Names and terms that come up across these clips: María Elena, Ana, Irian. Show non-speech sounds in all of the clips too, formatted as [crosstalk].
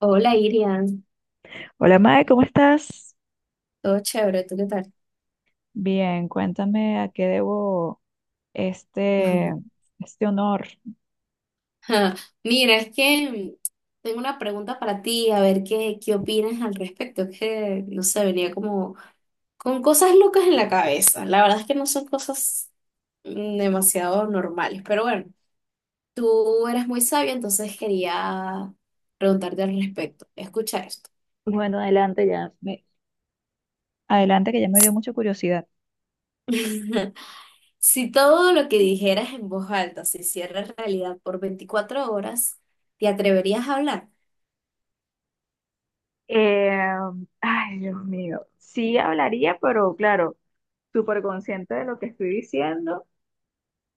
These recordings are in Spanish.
Hola, Irian. Hola, Mae, ¿cómo estás? Todo chévere, ¿tú qué tal? Bien, cuéntame a qué debo este, [laughs] este honor. Ah, mira, es que tengo una pregunta para ti, a ver qué opinas al respecto. Es que, no sé, venía como con cosas locas en la cabeza. La verdad es que no son cosas demasiado normales, pero bueno, tú eres muy sabia, entonces quería preguntarte al respecto. Escucha esto. Bueno, adelante ya. Adelante, que ya me dio mucha curiosidad. [laughs] Si todo lo que dijeras en voz alta se hiciera realidad por 24 horas, ¿te atreverías a hablar? Eh, ay, Dios mío. Sí hablaría, pero claro, súper consciente de lo que estoy diciendo.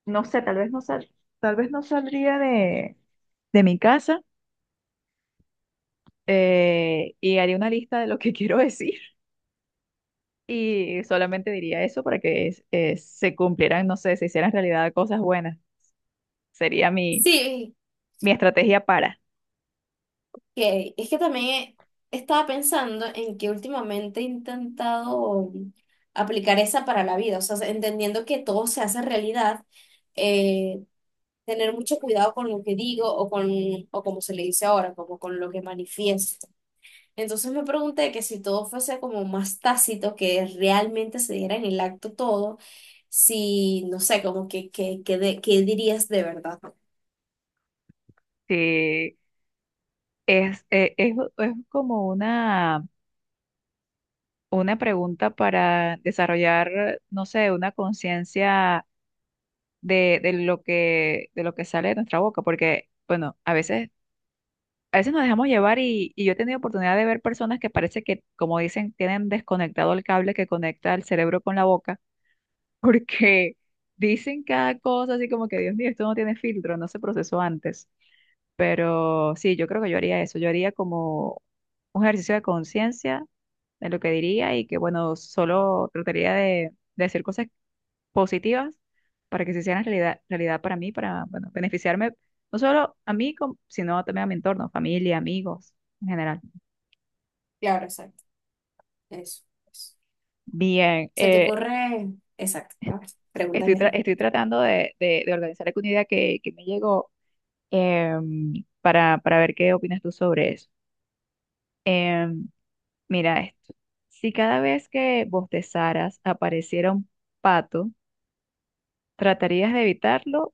No sé, tal vez no saldría de mi casa y haría una lista de lo que [laughs] quiero decir y solamente diría eso para que se cumplieran, no sé, se hicieran realidad cosas buenas. Sería mi, Sí. mi estrategia para. Que es que también estaba pensando en que últimamente he intentado aplicar esa para la vida, o sea, entendiendo que todo se hace realidad, eh, tener mucho cuidado con lo que digo o con, o como se le dice ahora, como con lo que manifiesto. Entonces me pregunté que si todo fuese como más tácito, que realmente se diera en el acto todo, si, no sé, como qué dirías de verdad. Sí, es como una pregunta para desarrollar, no sé, una conciencia de lo de lo que sale de nuestra boca, porque, bueno, a veces nos dejamos llevar y yo he tenido oportunidad de ver personas que parece que, como dicen, tienen desconectado el cable que conecta el cerebro con la boca, [laughs] porque dicen cada cosa así como que, Dios mío, esto no tiene filtro, no se procesó antes. Pero sí, yo creo que yo haría eso, yo haría como un ejercicio de conciencia de lo que diría y que, bueno, solo de decir cosas positivas para que se hicieran realidad, realidad para mí, para, bueno, beneficiarme no solo a mí, sino también a mi entorno, familia, amigos en general. Claro, exacto, eso. Bien, Se te corre exacto. A ver, estoy, pregúntame algo. estoy tratando de organizar alguna idea que me llegó para ver qué opinas tú sobre eso. Em, mira esto. Si cada vez que bostezaras apareciera un pato, ¿tratarías de evitarlo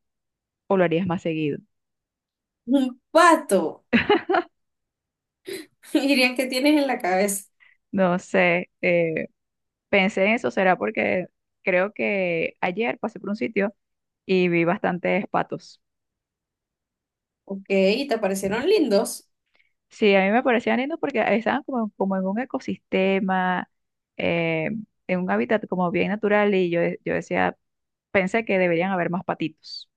o lo harías más seguido? Un pato. [laughs] Dirían que tienes en la cabeza. No sé, pensé en eso, será porque creo que ayer pasé por un sitio y vi bastantes patos. Ok, te aparecieron lindos. Sí, a mí me parecían lindos porque estaban como, como en un ecosistema, eh, en un hábitat como bien natural y yo, yo decía, pensé que deberían haber más patitos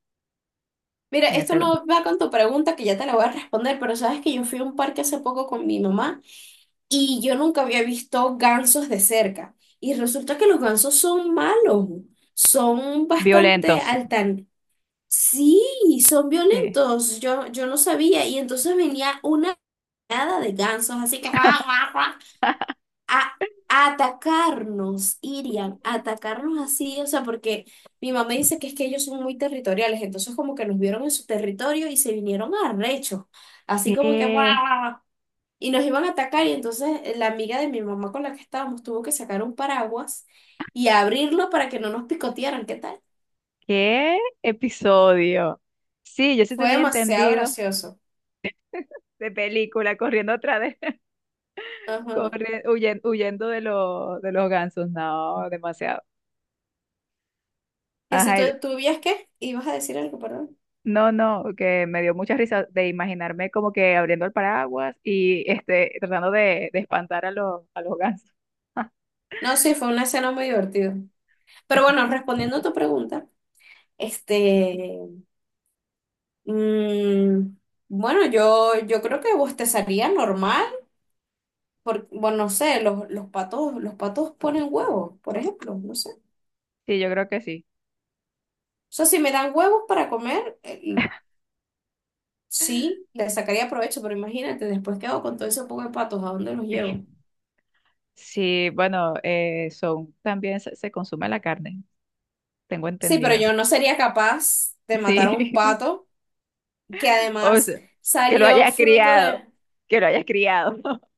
Mira, en esto ese lugar. no va con tu pregunta que ya te la voy a responder, pero sabes que yo fui a un parque hace poco con mi mamá y yo nunca había visto gansos de cerca. Y resulta que los gansos son malos, son bastante Violentos. altan. Sí, son Sí. violentos, yo no sabía. Y entonces venía una manada de gansos, así que, guau, guau, guau, [laughs] a a atacarnos, irían a atacarnos así, o sea, porque mi mamá dice que es que ellos son muy territoriales, entonces como que nos vieron en su territorio y se vinieron arrechos, así como que "Guau, ¿Qué? guau, guau", y nos iban a atacar y entonces la amiga de mi mamá con la que estábamos tuvo que sacar un paraguas y abrirlo para que no nos picotearan, ¿qué tal? ¿Qué episodio? Sí, yo sí Fue tenía demasiado entendido gracioso. de película corriendo atrás, Ajá. corre, huyendo los de los gansos, no, demasiado. Que si Ajá, tú, tú vías qué, ibas a decir algo, perdón. no, no, que me dio mucha risa de imaginarme como que abriendo el paraguas y este, de espantar a a los gansos. No, sí, fue una escena muy divertida. Pero bueno, [laughs] respondiendo a tu pregunta, este, mm, bueno, yo creo que bostezaría normal, porque, bueno, no sé, los patos ponen huevos, por ejemplo, no sé. O Sí, yo creo que sí. sea, si me dan huevos para comer, sí, le sacaría provecho, pero imagínate, después qué hago con todo ese poco de patos, ¿a dónde los llevo? [laughs] Sí, bueno, son, también se consume la carne, tengo Sí, pero entendido. yo no sería capaz de matar a un Sí, [laughs] pato que o además sea, que lo salió hayas fruto criado, de, que lo hayas criado, [laughs]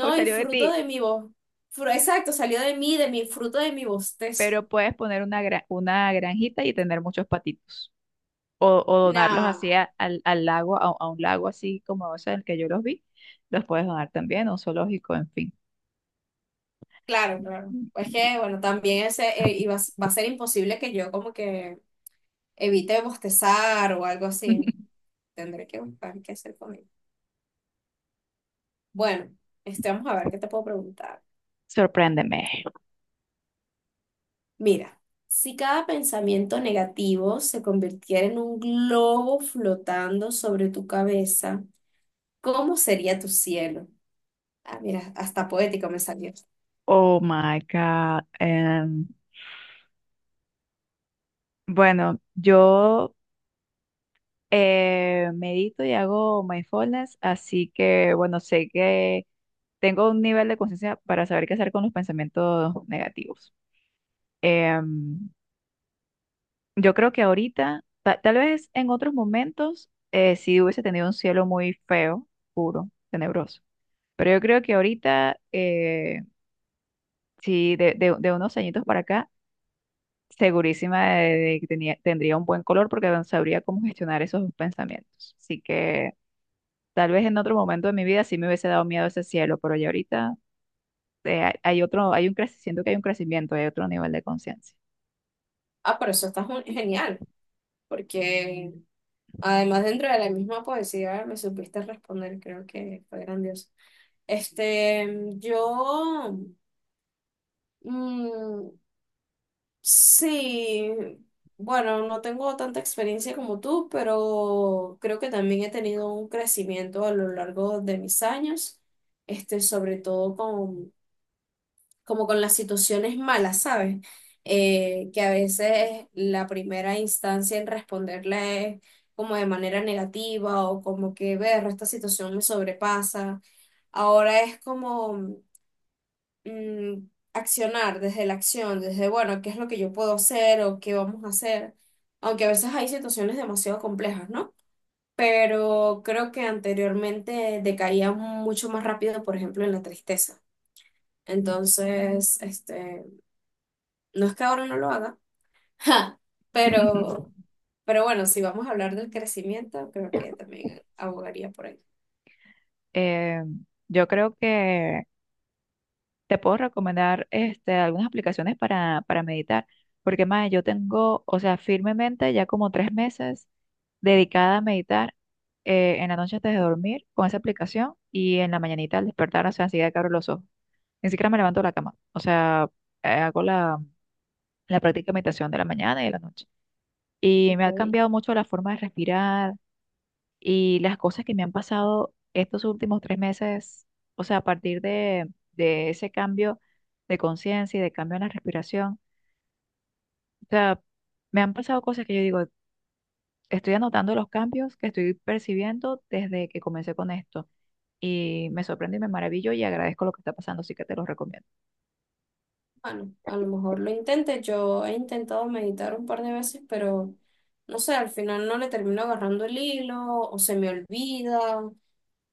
o y salió de fruto ti, de mi voz, exacto, salió de mí, de mi fruto de mi bostezo. pero puedes poner una granjita y tener muchos patitos. O, o donarlos No. así al lago, a un lago así como ese en el que yo los vi, los puedes donar también, a un zoológico, en fin. Claro, claro. Pues que, bueno, también ese, y va a ser imposible que yo como que evite bostezar o algo así. [laughs] Tendré que buscar qué hacer conmigo. Bueno, este, vamos a ver qué te puedo preguntar. Sorpréndeme. Mira, si cada pensamiento negativo se convirtiera en un globo flotando sobre tu cabeza, ¿cómo sería tu cielo? Ah, mira, hasta poético me salió. Oh my God. Bueno, yo medito y hago mindfulness, así que bueno, sé que tengo un nivel de conciencia para saber qué hacer con los pensamientos negativos. Em, Yo creo que ahorita, tal vez en otros momentos, sí hubiese tenido un cielo muy feo, puro, tenebroso. Pero yo creo que ahorita, sí, de unos añitos para acá, segurísima de que tendría un buen color porque no sabría cómo gestionar esos pensamientos. Así que tal vez en otro momento de mi vida sí me hubiese dado miedo ese cielo, pero ya ahorita hay hay un crecimiento, siento que hay un crecimiento, hay otro nivel de conciencia. Ah, pero eso está genial, porque además, dentro de la misma poesía me supiste responder, creo que fue grandioso. Este, yo, mm, sí, bueno, no tengo tanta experiencia como tú, pero creo que también he tenido un crecimiento a lo largo de mis años, este, sobre todo con como con las situaciones malas, ¿sabes? Que a veces la primera instancia en responderle es como de manera negativa o como que, ver, esta situación me sobrepasa. Ahora es como mm, accionar desde la acción, desde, bueno, ¿qué es lo que yo puedo hacer o qué vamos a hacer? Aunque a veces hay situaciones demasiado complejas, ¿no? Pero creo que anteriormente decaía mucho más rápido, por ejemplo, en la tristeza. Entonces, este, no es que ahora no lo haga, [laughs] pero, [laughs] pero bueno, si vamos a hablar del crecimiento, creo que también abogaría por ahí. Eh, yo creo que te puedo recomendar este, algunas aplicaciones para meditar, porque más yo tengo, o sea, firmemente ya como tres meses dedicada a meditar en la noche antes de dormir con esa aplicación y en la mañanita al despertar, o sea, enseguida que abro los ojos. Ni siquiera me levanto de la cama, o sea, hago la práctica de meditación de la mañana y de la noche. Y me ha Ok. cambiado mucho la forma de respirar y las cosas que me han pasado estos últimos tres meses, o sea, a partir de ese cambio de conciencia y de cambio en la respiración, o sea, me han pasado cosas que yo digo, estoy anotando los cambios que estoy percibiendo desde que comencé con esto. Y me sorprende y me maravillo y agradezco lo que está pasando, así que te lo recomiendo. Bueno, a lo mejor lo intente. Yo he intentado meditar un par de veces, pero no sé, al final no le termino agarrando el hilo o se me olvida.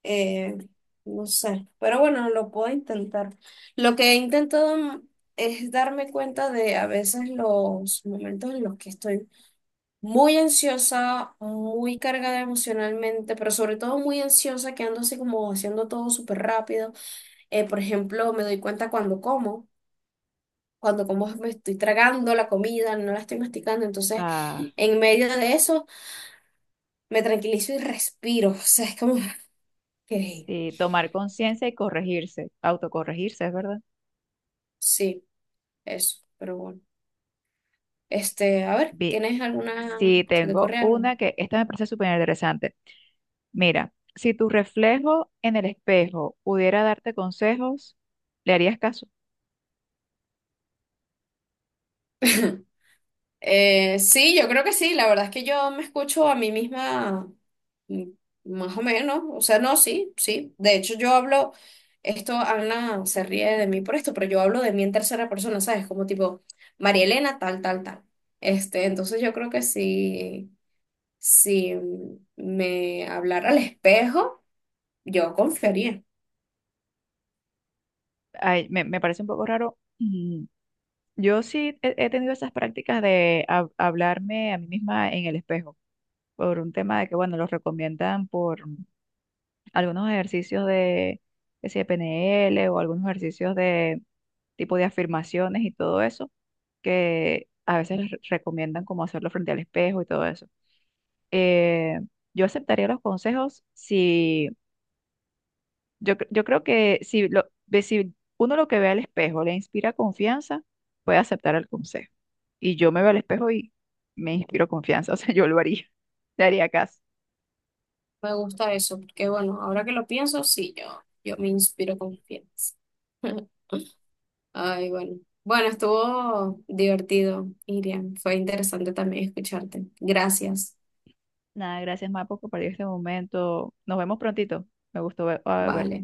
eh, no sé, pero bueno, lo puedo intentar. Lo que he intentado es darme cuenta de a veces los momentos en los que estoy muy ansiosa, muy cargada emocionalmente, pero sobre todo muy ansiosa, que ando así como haciendo todo súper rápido. Por ejemplo, me doy cuenta cuando como me estoy tragando la comida, no la estoy masticando, entonces Ah, en medio de eso me tranquilizo y respiro, [laughs] o sea, es como que sí, tomar conciencia y corregirse, autocorregirse, es verdad. sí, eso, pero bueno. Este, a ver, Bien, ¿tienes alguna, sí, se te tengo ocurre algo? una que esta me parece súper interesante. Mira, si tu reflejo en el espejo pudiera darte consejos, ¿le harías caso? [laughs] Sí, yo creo que sí. La verdad es que yo me escucho a mí misma mm, más o menos. O sea, no, sí, sí. De hecho, yo hablo, esto Ana se ríe de mí por esto, pero yo hablo de mí en tercera persona, ¿sabes? Como tipo, María Elena, tal, tal, tal. Este, entonces yo creo que sí, si me hablara al espejo, yo confiaría. Ay, me parece un poco raro. Mm, yo sí he tenido esas prácticas de hablarme a mí misma en el espejo, por un tema de que, bueno, los recomiendan por algunos ejercicios de, que si de PNL o algunos ejercicios de tipo de afirmaciones y todo eso, que a veces les recomiendan como hacerlo frente al espejo y todo eso. Eh, yo aceptaría los consejos si yo, yo creo que si, lo, si uno lo que ve al espejo le inspira confianza, puede aceptar el consejo. Y yo me veo al espejo y me inspiro confianza, [laughs] o sea, yo lo haría, le haría caso. Me gusta eso, porque bueno, ahora que lo pienso, sí, yo me inspiro confianza. [laughs] Ay, bueno. Bueno, estuvo divertido, Irian. Fue interesante también escucharte. Gracias. Nada, gracias, Mapo, por compartir este momento. Nos vemos prontito. Me gustó ver, Vale.